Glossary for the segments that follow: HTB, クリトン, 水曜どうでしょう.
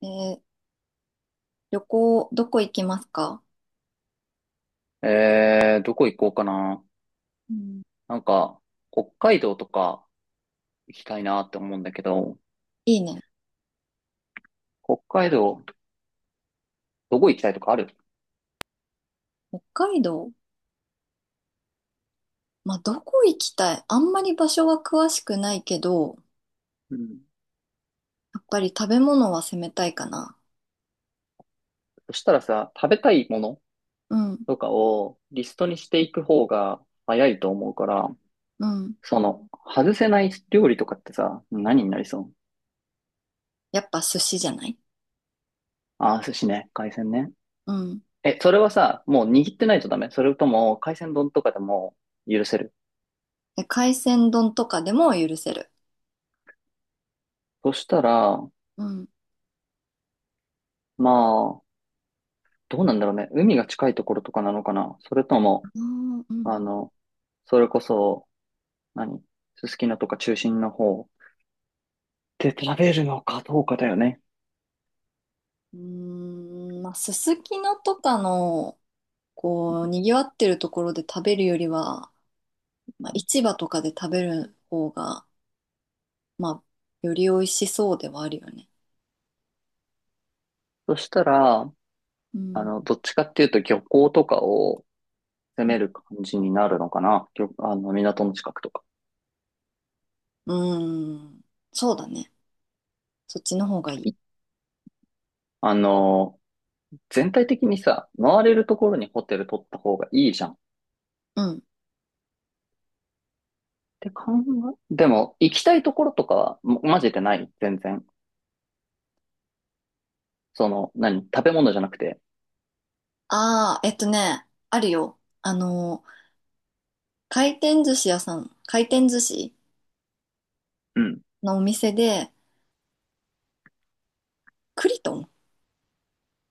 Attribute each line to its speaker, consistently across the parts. Speaker 1: えー旅行、どこ行きますか？
Speaker 2: どこ行こうかな。
Speaker 1: うん。
Speaker 2: なんか、北海道とか行きたいなって思うんだけど、
Speaker 1: いいね。
Speaker 2: 北海道、どこ行きたいとかある？
Speaker 1: 北海道。まあ、どこ行きたい、あんまり場所は詳しくないけど、
Speaker 2: うん。
Speaker 1: やっぱり食べ物は攻めたいかな。
Speaker 2: そしたらさ、食べたいもの
Speaker 1: うん、
Speaker 2: とかをリストにしていく方が早いと思うから、
Speaker 1: うん。
Speaker 2: その、外せない料理とかってさ、何になりそう？
Speaker 1: やっぱ寿司じゃない？
Speaker 2: あー、寿司ね、海鮮ね。
Speaker 1: うん。
Speaker 2: それはさ、もう握ってないとダメ？それとも、海鮮丼とかでも許せる？
Speaker 1: で、海鮮丼とかでも許せる。
Speaker 2: そしたら、
Speaker 1: うん。
Speaker 2: まあ、どうなんだろうね。海が近いところとかなのかな？それとも、
Speaker 1: う
Speaker 2: あ
Speaker 1: ん
Speaker 2: の、それこそ、何、すすきのとか中心の方で食べるのかどうかだよね。
Speaker 1: うん、まあ、すすきのとかの、こう、賑わってるところで食べるよりは、
Speaker 2: う
Speaker 1: まあ、
Speaker 2: ん。
Speaker 1: 市場とかで食べる方が、まあ、より美味しそうではあるよね。
Speaker 2: そしたら、
Speaker 1: うん。
Speaker 2: どっちかっていうと漁港とかを攻める感じになるのかな。漁あの、港の近くとか。
Speaker 1: うん。そうだね。そっちの方がいい。
Speaker 2: いあの、全体的にさ、回れるところにホテル取った方がいいじゃん。っ
Speaker 1: うん。
Speaker 2: て考え、でも、行きたいところとかは、マジでない全然。その、何、食べ物じゃなくて。
Speaker 1: ああ、あるよ。あの、回転寿司屋さん、回転寿司
Speaker 2: うん。
Speaker 1: のお店で、クリトン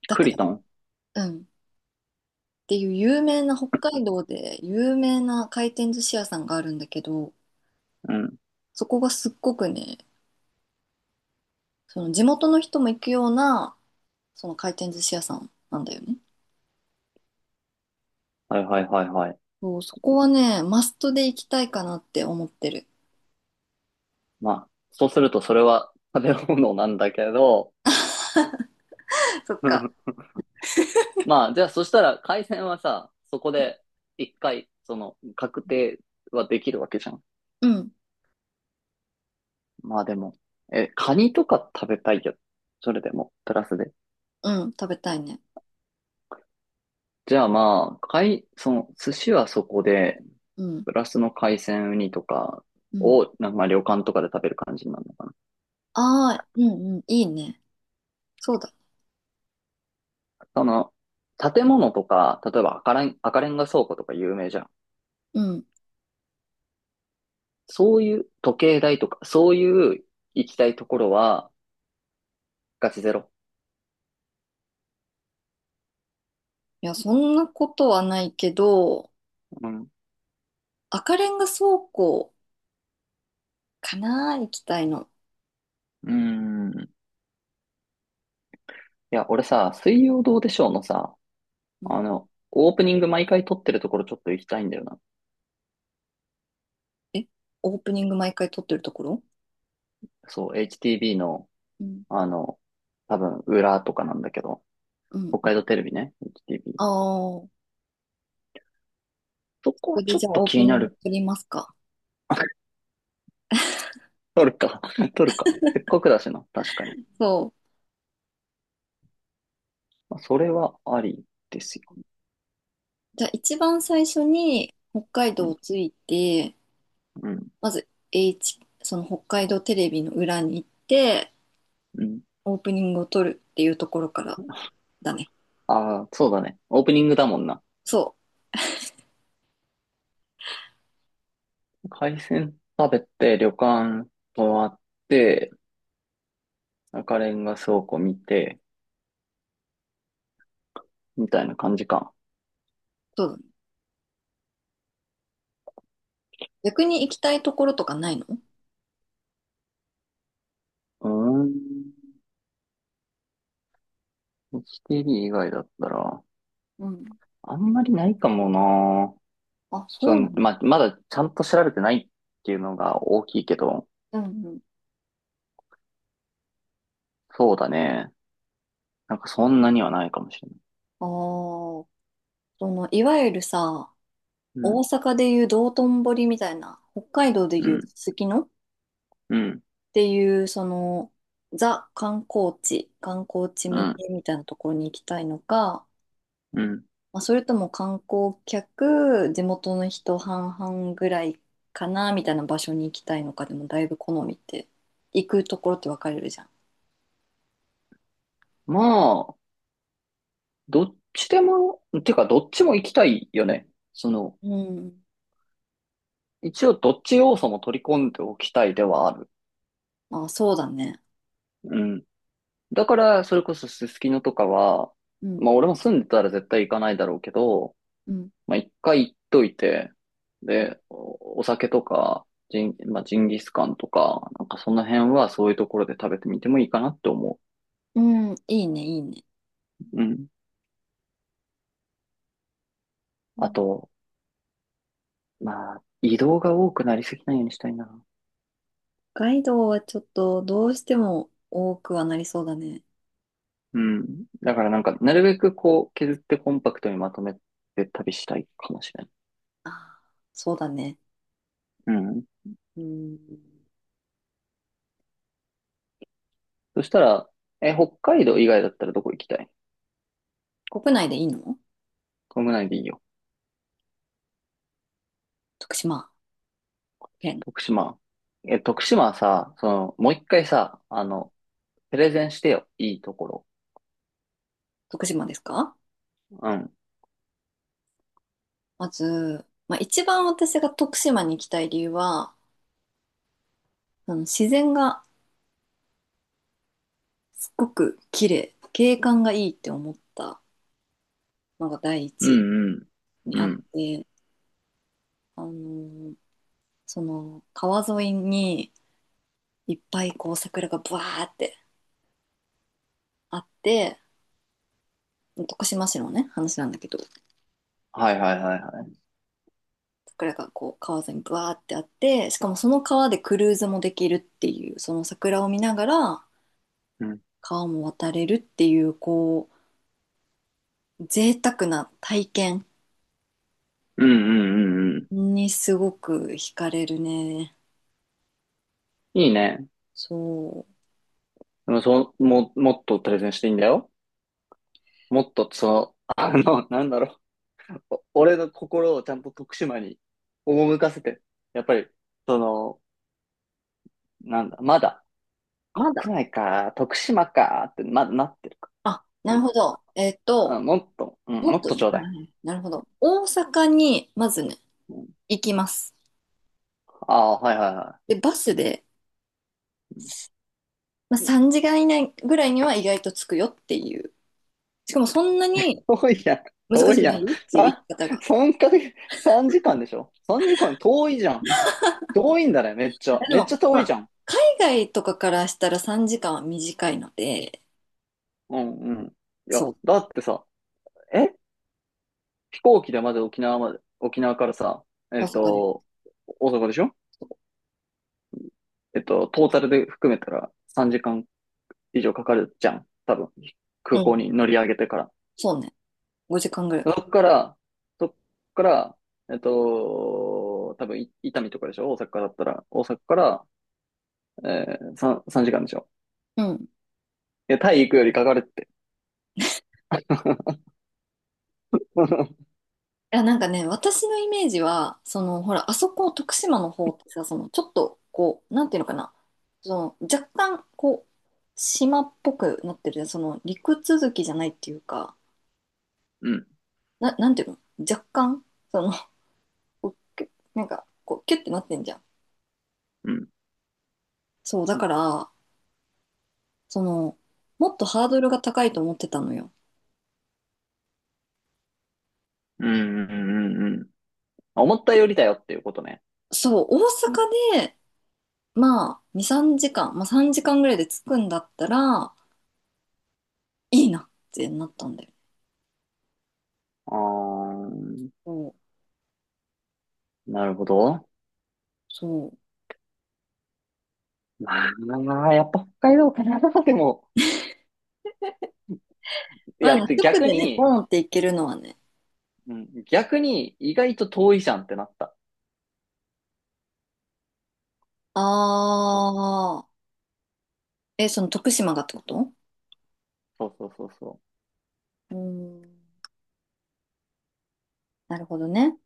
Speaker 1: だっ
Speaker 2: ク
Speaker 1: た
Speaker 2: リ
Speaker 1: かな。
Speaker 2: トン。
Speaker 1: うん。っていう有名な、北海道で有名な回転寿司屋さんがあるんだけど、
Speaker 2: うん。
Speaker 1: そこがすっごくね、その地元の人も行くような、その回転寿司屋さんなんだよね。
Speaker 2: はいはいはいはい。
Speaker 1: そう、そこはね、マストで行きたいかなって思ってる。
Speaker 2: まあ、そうするとそれは食べ物なんだけど、
Speaker 1: そっか。
Speaker 2: まあ、じゃあそしたら海鮮はさ、そこで一回、その、確定はできるわけじゃん。
Speaker 1: うん、
Speaker 2: まあでも、カニとか食べたいよ。それでも、プラスで。
Speaker 1: うん、食べたいね。
Speaker 2: じゃあまあ、海、その、寿司はそこで、
Speaker 1: うん、
Speaker 2: プラスの海鮮ウニとか
Speaker 1: うん。
Speaker 2: を、なんかまあ旅館とかで食べる感じになるのかな。
Speaker 1: ああ、うんうん、いいね。そうだ。
Speaker 2: その、建物とか、例えば赤レンガ倉庫とか有名じゃん。
Speaker 1: うん。い
Speaker 2: そういう時計台とか、そういう行きたいところは、ガチゼロ。
Speaker 1: や、そんなことはないけど、
Speaker 2: うん。う
Speaker 1: 赤レンガ倉庫かな、行きたいの。
Speaker 2: ーん。いや、俺さ、水曜どうでしょうのさ、
Speaker 1: うん。
Speaker 2: オープニング毎回撮ってるところちょっと行きたいんだよな。
Speaker 1: え、オープニング毎回撮ってるところ？
Speaker 2: そう、HTV の、
Speaker 1: うん、
Speaker 2: あの、多分、裏とかなんだけど、
Speaker 1: うん、
Speaker 2: 北
Speaker 1: う
Speaker 2: 海
Speaker 1: ん。
Speaker 2: 道テレビね、HTB。
Speaker 1: ああ、こ
Speaker 2: そこは
Speaker 1: こで
Speaker 2: ちょっ
Speaker 1: じゃ
Speaker 2: と
Speaker 1: あオー
Speaker 2: 気
Speaker 1: プ
Speaker 2: に
Speaker 1: ニ
Speaker 2: な
Speaker 1: ング
Speaker 2: る。
Speaker 1: 撮りますか？
Speaker 2: 撮るか、撮るか。せっかくだしな、確かに。
Speaker 1: そう。
Speaker 2: まあそれはありですよ。
Speaker 1: じゃあ一番最初に北海
Speaker 2: う
Speaker 1: 道
Speaker 2: ん、
Speaker 1: を着いて、
Speaker 2: うん、
Speaker 1: まず H、その北海道テレビの裏に行って、
Speaker 2: うん。
Speaker 1: オープニングを撮るっていうところからだね。
Speaker 2: ああ、そうだね。オープニングだもんな。
Speaker 1: そ
Speaker 2: 海鮮食べて、旅館泊まって、赤レンガ倉庫見て、みたいな感じか。
Speaker 1: う。そうだね。逆に行きたいところとかないの？
Speaker 2: うーん。HTB 以外だったら、
Speaker 1: うん。
Speaker 2: あんまりないかもな。
Speaker 1: あ、そ
Speaker 2: そ
Speaker 1: うなん
Speaker 2: う、
Speaker 1: だ。
Speaker 2: まだちゃんと調べてないっていうのが大きいけど、
Speaker 1: うんうん。
Speaker 2: そうだね。なんかそんなにはないかもしれない。
Speaker 1: ああ、その、いわゆるさ、
Speaker 2: う
Speaker 1: 大
Speaker 2: ん、
Speaker 1: 阪でいう道頓堀みたいな、北海道で
Speaker 2: う
Speaker 1: いうす
Speaker 2: ん、
Speaker 1: すきのっ
Speaker 2: うん、
Speaker 1: ていう、その、ザ観光地、観光地
Speaker 2: う
Speaker 1: 向
Speaker 2: ん、
Speaker 1: けみたいなところに行きたいのか、
Speaker 2: うん。
Speaker 1: まあ、それとも観光客、地元の人半々ぐらいかな、みたいな場所に行きたいのか、でもだいぶ好みって、行くところって分かれるじゃん。
Speaker 2: まあ、どっちでも、てかどっちも行きたいよね。その、
Speaker 1: うん。
Speaker 2: 一応どっち要素も取り込んでおきたいではある。
Speaker 1: あ、そうだね。
Speaker 2: うん。だから、それこそすすきのとかは、
Speaker 1: うん。
Speaker 2: まあ俺も住んでたら絶対行かないだろうけど、
Speaker 1: うん
Speaker 2: まあ一回行っといて、で、お酒とか、まあジンギスカンとか、なんかその辺はそういうところで食べてみてもいいかなって思
Speaker 1: うん、いいね、いいね。
Speaker 2: う。うん。
Speaker 1: う
Speaker 2: あ
Speaker 1: ん。
Speaker 2: と、まあ、移動が多くなりすぎないようにしたいな。
Speaker 1: 北海道はちょっとどうしても多くはなりそうだね。
Speaker 2: うん。だからなんか、なるべくこう、削ってコンパクトにまとめて旅したいかもしれない。
Speaker 1: ああ、そうだね。
Speaker 2: うん。
Speaker 1: うん。
Speaker 2: そしたら、北海道以外だったらどこ行きたい？
Speaker 1: 国内でいいの？
Speaker 2: 国内でいいよ。
Speaker 1: 徳島県。
Speaker 2: 徳島。徳島はさ、その、もう一回さ、プレゼンしてよ。いいところ。
Speaker 1: 徳島ですか？
Speaker 2: うん。
Speaker 1: まず、まあ、一番私が徳島に行きたい理由は、あの自然がすっごく綺麗、景観がいいって思ったのが第
Speaker 2: う
Speaker 1: 一
Speaker 2: ん、うん。
Speaker 1: に
Speaker 2: う
Speaker 1: あっ
Speaker 2: ん。
Speaker 1: て、あのーその川沿いにいっぱいこう桜がブワーってあって、徳島市のね話なんだけど、
Speaker 2: はいはいはいはい。
Speaker 1: 桜がこう川沿いにブワーってあって、しかもその川でクルーズもできるっていう、その桜を見ながら
Speaker 2: うん。
Speaker 1: 川も渡れるっていうこう贅沢な体験
Speaker 2: うんうんうんうん。
Speaker 1: にすごく惹かれるね。
Speaker 2: いいね。
Speaker 1: そ
Speaker 2: でもそう、もっとプレゼンしていいんだよ。もっと、その、なんだろう。俺の心をちゃんと徳島に赴かせて。やっぱり、その、なんだ、まだ、
Speaker 1: う。まだ。
Speaker 2: 国内か、徳島か、って、まだなってるか。
Speaker 1: あ、な
Speaker 2: う
Speaker 1: るほ
Speaker 2: ん。
Speaker 1: ど。
Speaker 2: もっと、うん、
Speaker 1: も
Speaker 2: も
Speaker 1: っ
Speaker 2: っ
Speaker 1: と
Speaker 2: と
Speaker 1: ね。
Speaker 2: ちょう
Speaker 1: はい
Speaker 2: だい。
Speaker 1: はい、なるほど。大阪にまずね、行きます。
Speaker 2: ああ、はいはいは
Speaker 1: で、
Speaker 2: い。
Speaker 1: バスで、まあ、3時間以内ぐらいには意外と着くよっていう、しかもそんなに
Speaker 2: 遠いやん。
Speaker 1: 難
Speaker 2: 遠
Speaker 1: し
Speaker 2: い
Speaker 1: く
Speaker 2: や
Speaker 1: な
Speaker 2: ん。
Speaker 1: いよっていう言い
Speaker 2: 三、
Speaker 1: 方が。
Speaker 2: 三ヶ月、三時間でしょ？ 3 時間遠いじゃん。遠いんだね、めっちゃ。
Speaker 1: で
Speaker 2: めっちゃ
Speaker 1: も、ほ
Speaker 2: 遠いじ
Speaker 1: ら、
Speaker 2: ゃん。
Speaker 1: 海外とかからしたら3時間は短いので、
Speaker 2: うんうん。いや、
Speaker 1: そう、
Speaker 2: だってさ、え飛行機でまず沖縄まで、沖縄からさ、え
Speaker 1: 大
Speaker 2: っ
Speaker 1: 阪で。
Speaker 2: と、大阪でしょ？トータルで含めたら3時間以上かかるじゃん。多分、
Speaker 1: う
Speaker 2: 空港
Speaker 1: ん、
Speaker 2: に乗り上げてから。
Speaker 1: そうね。5時間ぐらい
Speaker 2: そ
Speaker 1: か。
Speaker 2: っから、そっから、多分、伊丹とかでしょ？大阪だったら。大阪から、3、三時間でしょ？
Speaker 1: うん。い
Speaker 2: いや、タイ行くよりかかるって。うん、
Speaker 1: や、なんかね、私のイメージは、その、ほら、あそこ、徳島の方ってさ、その、ちょっと、こう、なんていうのかな、その、若干、こう、島っぽくなってるじゃん。その、陸続きじゃないっていうか、
Speaker 2: うん、
Speaker 1: なんていうの、若干、その、こうキュなんか、こう、キュッてなってんじゃん。
Speaker 2: うん、
Speaker 1: そう、だから、その、もっとハードルが高いと思ってたのよ。
Speaker 2: うん、うん。うん、思ったよりだよっていうことね。
Speaker 1: そう、大阪で、まあ、2、3時間、まあ3時間ぐらいで着くんだったら、いいなってなったんだよ。
Speaker 2: あー、
Speaker 1: そう、
Speaker 2: なるほど。
Speaker 1: そう。
Speaker 2: まあ、やっぱ北海道かな。でも、い
Speaker 1: まあ
Speaker 2: や、
Speaker 1: ね、
Speaker 2: で
Speaker 1: 直
Speaker 2: 逆
Speaker 1: でね、
Speaker 2: に、
Speaker 1: ボーンって行けるのはね、
Speaker 2: うん、逆に意外と遠いじゃんってなった。うん、
Speaker 1: あー、え、その徳島がってこと？
Speaker 2: そうそうそうそう。
Speaker 1: うーん、なるほどね。